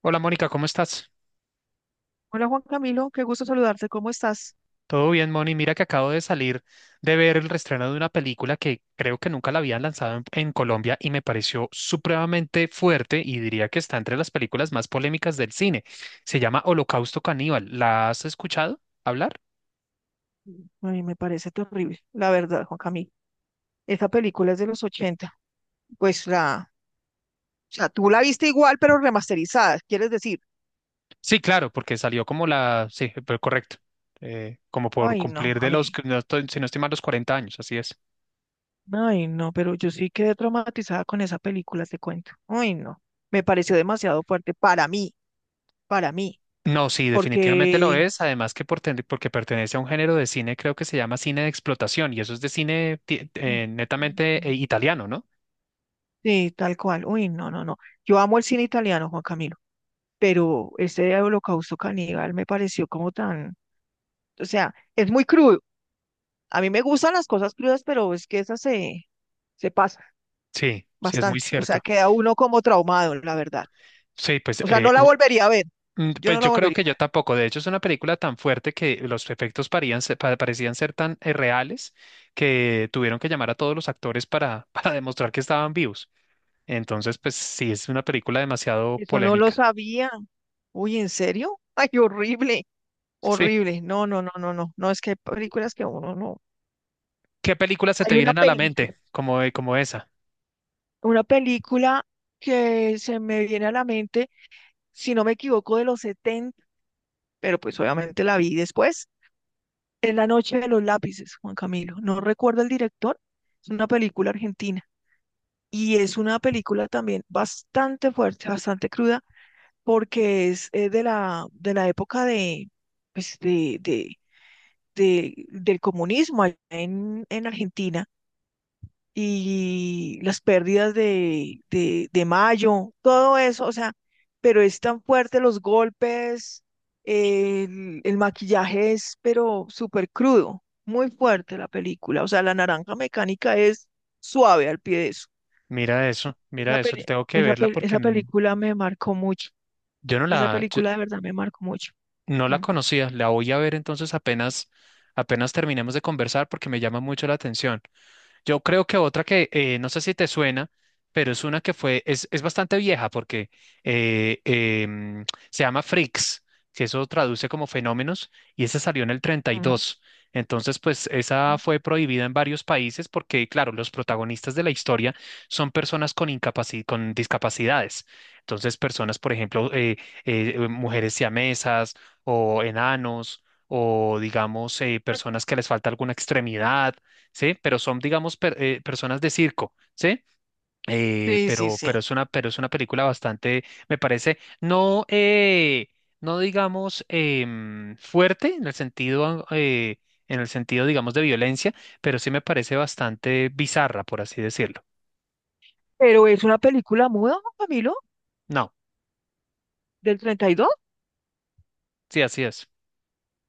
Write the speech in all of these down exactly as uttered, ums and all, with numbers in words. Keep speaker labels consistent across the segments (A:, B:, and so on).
A: Hola Mónica, ¿cómo estás?
B: Hola Juan Camilo, qué gusto saludarte, ¿cómo estás?
A: Todo bien, Moni. Mira que acabo de salir de ver el reestreno de una película que creo que nunca la habían lanzado en, en Colombia y me pareció supremamente fuerte y diría que está entre las películas más polémicas del cine. Se llama Holocausto Caníbal. ¿La has escuchado hablar?
B: Ay, me parece terrible, la verdad, Juan Camilo. Esa película es de los ochenta. pues la, o sea, tú la viste igual, pero remasterizada, ¿quieres decir?
A: Sí, claro, porque salió como la... Sí, pero correcto. Eh, como por
B: Ay, no,
A: cumplir
B: a
A: de los,
B: mí,
A: si no estoy- si no estoy mal, los cuarenta años, así es.
B: ay, no, pero yo sí quedé traumatizada con esa película, te cuento. Ay, no, me pareció demasiado fuerte para mí, para mí,
A: No, sí, definitivamente lo
B: porque,
A: es. Además que por ten- porque pertenece a un género de cine, creo que se llama cine de explotación, y eso es de cine ti-
B: mm,
A: eh, netamente eh, italiano, ¿no?
B: sí, tal cual, uy, no, no, no. Yo amo el cine italiano, Juan Camilo. Pero ese holocausto caníbal me pareció como tan, o sea, es muy crudo. A mí me gustan las cosas crudas, pero es que esa se, se pasa
A: Sí, sí, es muy
B: bastante. O sea,
A: cierto.
B: queda uno como traumado, la verdad.
A: Sí, pues,
B: O sea,
A: eh,
B: no la
A: u-
B: volvería a ver.
A: mm,
B: Yo
A: pues
B: no la
A: yo creo
B: volvería
A: que
B: a
A: yo
B: ver.
A: tampoco. De hecho, es una película tan fuerte que los efectos parían se- pa- parecían ser tan eh, reales que tuvieron que llamar a todos los actores para, para demostrar que estaban vivos. Entonces, pues sí, es una película demasiado
B: Eso no lo
A: polémica.
B: sabía. Uy, ¿en serio? Ay, horrible,
A: Sí.
B: horrible. No, no, no, no, no. No, es que hay películas que uno no.
A: ¿Qué películas se te
B: Hay una
A: vienen a la
B: peli,
A: mente como, como esa?
B: una película que se me viene a la mente, si no me equivoco, de los setenta, pero pues obviamente la vi después. Es La Noche de los Lápices, Juan Camilo. No recuerdo el director, es una película argentina y es una película también bastante fuerte, bastante cruda, porque es, eh, de la, de la época de, pues de, de, de- del comunismo allá en, en Argentina y las pérdidas de, de, de Mayo, todo eso. O sea, pero es tan fuerte los golpes, el, el maquillaje es, pero súper crudo, muy fuerte la película. O sea, la naranja mecánica es suave al pie de eso.
A: Mira eso, mira
B: Esa,
A: eso,
B: peli-
A: tengo que
B: esa,
A: verla
B: pel-
A: porque
B: esa
A: n-
B: película me marcó mucho,
A: yo no
B: esa
A: la, yo
B: película de verdad me marcó mucho.
A: no la
B: Mm,
A: conocía, la voy a ver entonces apenas, apenas terminemos de conversar porque me llama mucho la atención. Yo creo que otra que eh, no sé si te suena, pero es una que fue, es, es bastante vieja porque eh, em, se llama Freaks, que eso traduce como fenómenos, y esa salió en el treinta y
B: mm.
A: dos Entonces, pues esa fue prohibida en varios países porque, claro, los protagonistas de la historia son personas con incapaci- con discapacidades. Entonces, personas, por ejemplo, eh, eh, mujeres siamesas o enanos, o digamos, eh, personas que les falta alguna extremidad, ¿sí? Pero son, digamos, per- eh, personas de circo, ¿sí? Eh,
B: Sí, sí,
A: pero,
B: sí.
A: pero es una, pero es una película bastante, me parece, no, eh, no digamos, em, fuerte en el sentido, eh, en el sentido, digamos, de violencia, pero sí me parece bastante bizarra, por así decirlo.
B: Pero es una película muda, Camilo,
A: No,
B: del treinta y dos.
A: sí, así es.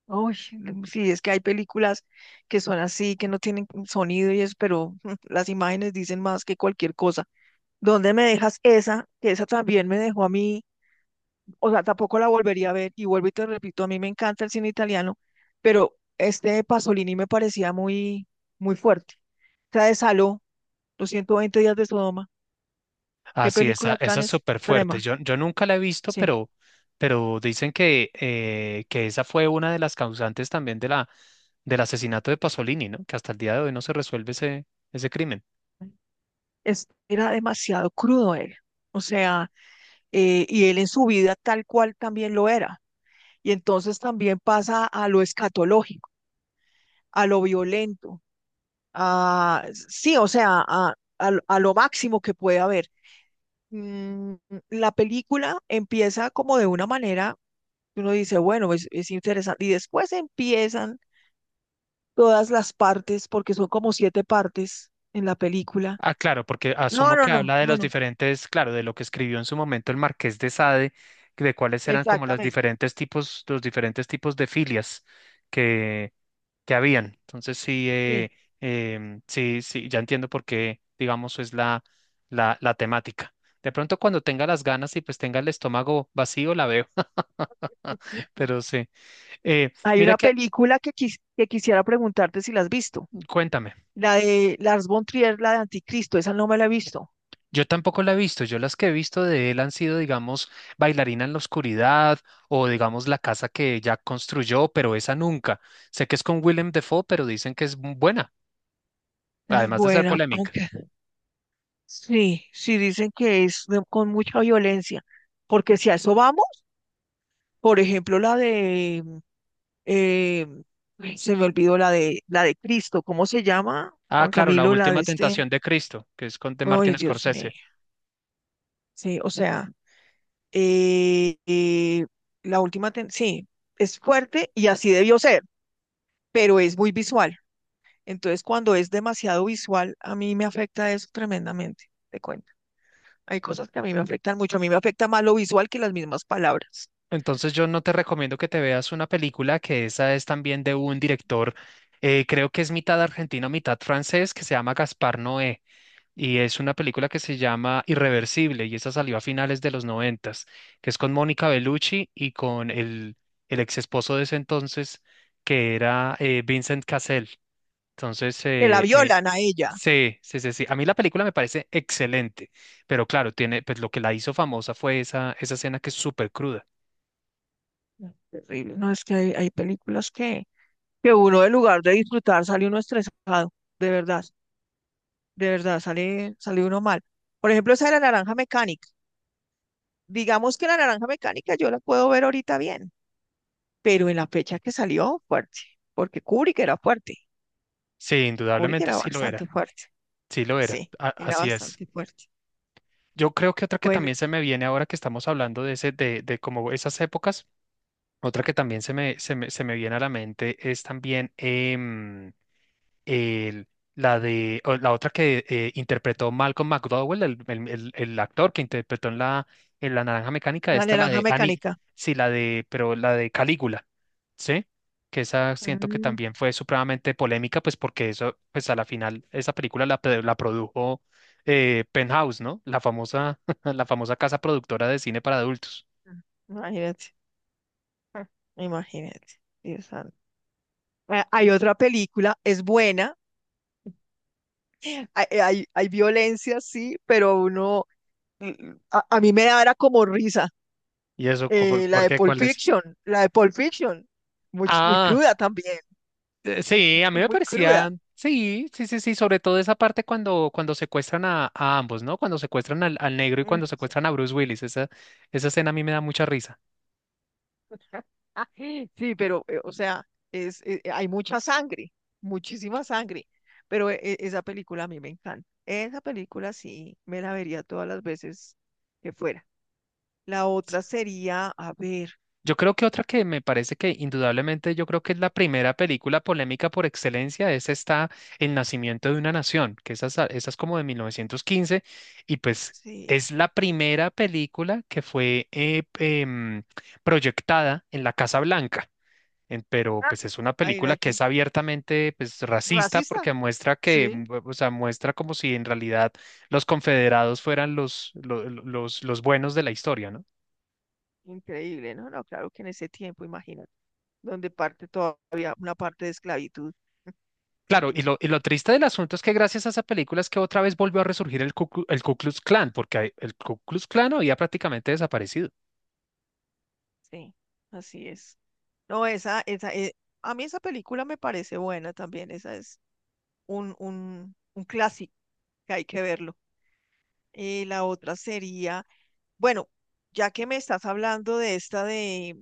B: Uy, mm, sí, es que hay películas que son así, que no tienen sonido y eso, pero las imágenes dicen más que cualquier cosa. ¿Dónde me dejas esa? Que esa también me dejó a mí, o sea, tampoco la volvería a ver. Y vuelvo y te repito, a mí me encanta el cine italiano, pero este Pasolini me parecía muy, muy fuerte. O sea, de Saló, los ciento veinte días de Sodoma, qué
A: Así, esa,
B: película
A: esa
B: tan
A: es súper fuerte.
B: extrema,
A: Yo, yo nunca la he visto,
B: sí.
A: pero, pero dicen que, eh, que esa fue una de las causantes también de la, del asesinato de Pasolini, ¿no? Que hasta el día de hoy no se resuelve ese, ese crimen.
B: Es, era demasiado crudo él. O sea, eh, y él en su vida tal cual también lo era. Y entonces también pasa a lo escatológico, a lo violento, a, sí, o sea, a, a, a lo máximo que puede haber. Mm, La película empieza como de una manera, que uno dice, bueno, es, es interesante. Y después empiezan todas las partes, porque son como siete partes en la película.
A: Ah, claro, porque
B: No,
A: asumo
B: no,
A: que
B: no,
A: habla de
B: no,
A: los
B: no.
A: diferentes, claro, de lo que escribió en su momento el Marqués de Sade, que de cuáles eran como los
B: Exactamente.
A: diferentes tipos, los diferentes tipos de filias que habían. Entonces sí, eh,
B: Sí.
A: em, sí, sí, ya entiendo por qué, digamos, es la, la, la temática. De pronto cuando tenga las ganas y pues tenga el estómago vacío, la veo.
B: Ujú.
A: Pero sí. Eh,
B: Hay
A: mira
B: una
A: que,
B: película que, quis- que quisiera preguntarte si la has visto.
A: cuéntame,
B: La de Lars von Trier, la de Anticristo, esa no me la he visto.
A: yo tampoco la he visto. Yo las que he visto de él han sido, digamos, Bailarina en la oscuridad o, digamos, La casa que ya construyó, pero esa nunca. Sé que es con Willem Dafoe, pero dicen que es buena,
B: Es
A: además de ser
B: buena,
A: polémica.
B: aunque sí, sí dicen que es de- con mucha violencia, porque si a eso vamos, por ejemplo, la de, eh, ay, se me olvidó la de, la de Cristo, ¿cómo se llama?
A: Ah,
B: Juan
A: claro, La
B: Camilo, la de
A: Última
B: este,
A: Tentación de Cristo, que es con de
B: ay,
A: Martin
B: Dios mío,
A: Scorsese.
B: sí, o sea, eh, eh, la última, ten- sí, es fuerte y así debió ser, pero es muy visual. Entonces cuando es demasiado visual, a mí me afecta eso tremendamente, te cuento. Hay cosas que a mí me afectan mucho. A mí me afecta más lo visual que las mismas palabras.
A: Entonces yo no te recomiendo que te veas una película que esa es también de un director, eh, creo que es mitad argentino, mitad francés, que se llama Gaspar Noé. Y es una película que se llama Irreversible, y esa salió a finales de los noventas, que es con Mónica Bellucci y con el, el ex esposo de ese entonces, que era eh, Vincent Cassel. Entonces,
B: Que la
A: eh, eh,
B: violan a ella.
A: sí, sí, sí, sí. A mí la película me parece excelente, pero claro, tiene, pues lo que la hizo famosa fue esa, esa escena que es súper cruda.
B: Terrible. No, es que hay, hay películas que, que uno, en lugar de disfrutar, sale uno estresado. De verdad, de verdad, sale, sale uno mal. Por ejemplo, esa de la naranja mecánica. Digamos que la naranja mecánica yo la puedo ver ahorita bien, pero en la fecha que salió, fuerte, porque Kubrick era fuerte,
A: Sí,
B: Kubrick
A: indudablemente
B: era
A: sí lo
B: bastante
A: era,
B: fuerte,
A: sí lo era,
B: sí,
A: a-
B: era
A: así es.
B: bastante fuerte.
A: Yo creo que otra que
B: Bueno,
A: también
B: y
A: se me viene ahora que estamos hablando de ese, de, de como esas épocas. Otra que también se me, se me, se me viene a la mente es también em, el- la de o la otra que eh, interpretó Malcolm McDowell, el, el- el- el actor que interpretó en la, en La Naranja Mecánica,
B: la
A: esta la
B: naranja
A: de Annie,
B: mecánica.
A: sí, la de, pero la de Calígula, ¿sí? Que esa siento que
B: Mm,
A: también fue supremamente polémica, pues porque eso, pues a la final, esa película la, pe- la produjo eh, Penthouse, ¿no? La famosa, la famosa casa productora de cine para adultos.
B: imagínate, ah, imagínate, Dios santo. Ah, hay otra película, es buena, hay, hay, hay violencia, sí, pero uno, mm, a, a mí me da era como risa,
A: ¿Y eso, por,
B: eh, la
A: por
B: de
A: qué?
B: Pulp
A: ¿Cuál es?
B: Fiction, la de Pulp Fiction, muy, muy
A: Ah,
B: cruda también,
A: Eh, Sí, a mí
B: muy,
A: me
B: muy cruda.
A: parecían, sí, sí, sí, sí, sobre todo esa parte cuando, cuando secuestran a, a ambos, ¿no? Cuando secuestran al, al negro y cuando
B: Mm.
A: secuestran a Bruce Willis, esa, esa escena a mí me da mucha risa.
B: Sí, pero, eh, o sea, es, eh, eh, hay mucha sangre, muchísima sangre, pero e- e- esa película a mí me encanta. Esa película sí, me la vería todas las veces que fuera. La otra sería, a ver,
A: Yo creo que otra que me parece que indudablemente yo creo que es la primera película polémica por excelencia es esta El nacimiento de una nación, que esa, es a- esa es como de mil novecientos quince y pues
B: sí,
A: es la primera película que fue eh, em, proyectada en la Casa Blanca. En- pero pues es una
B: ah,
A: película que es
B: imagínate,
A: abiertamente pues racista
B: racista,
A: porque muestra que,
B: sí,
A: mm, o sea, muestra como si en realidad los confederados fueran los, lo- lo- los, los buenos de la historia, ¿no?
B: increíble, ¿no? No, claro que en ese tiempo, imagínate, donde parte todavía una parte de esclavitud,
A: Claro, y
B: imagínate,
A: lo, y lo triste del asunto es que gracias a esa película es que otra vez volvió a resurgir el Ku, Clu- el Ku Klux Klan, porque hay- el Ku Klux Klan había prácticamente desaparecido.
B: sí, así es. No, esa, esa, eh, a mí esa película me parece buena también, esa es un, un, un clásico que hay que verlo. Eh, la otra sería, bueno, ya que me estás hablando de esta de,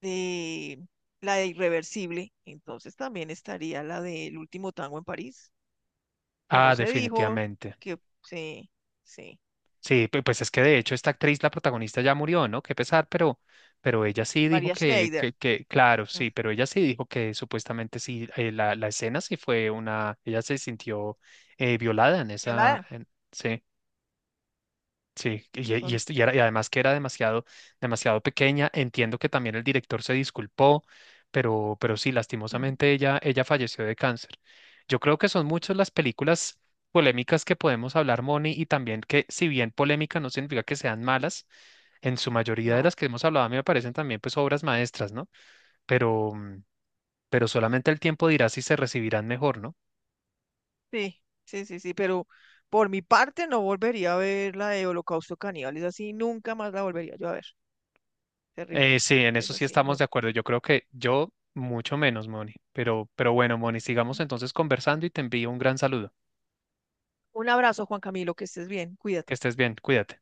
B: de la de Irreversible, entonces también estaría la del último tango en París, que no
A: Ah,
B: se dijo,
A: definitivamente.
B: que sí, sí,
A: Sí, pu- pues es que de hecho
B: sí.
A: esta actriz, la protagonista, ya murió, ¿no? Qué pesar, pero, pero ella sí dijo
B: María
A: que,
B: Schneider.
A: que, que, claro,
B: Mm.
A: sí, pero ella sí dijo que supuestamente sí, eh, la, la escena sí fue una, ella se sintió eh, violada en esa,
B: Yolanda.
A: en- sí. Sí, y, y,
B: Son,
A: este- y era- y además que era demasiado, demasiado pequeña. Entiendo que también el director se disculpó, pero, pero sí, lastimosamente ella, ella falleció de cáncer. Yo creo que son muchas las películas polémicas que podemos hablar, Moni, y también que si bien polémica no significa que sean malas, en su mayoría de
B: no,
A: las que hemos hablado a mí me parecen también pues obras maestras, ¿no? Pero, mm, pero solamente el tiempo dirá si se recibirán mejor, ¿no?
B: sí, sí, sí, sí, pero por mi parte no volvería a ver la de Holocausto Caníbal, es así, nunca más la volvería yo a ver. Terrible.
A: Eh, sí, en
B: Es
A: eso sí
B: así,
A: estamos
B: no.
A: de acuerdo. Yo creo que yo mucho menos, Moni. Pero, pero bueno, Moni, sigamos entonces conversando y te envío un gran saludo.
B: Un abrazo, Juan Camilo, que estés bien, cuídate.
A: Que estés bien, cuídate.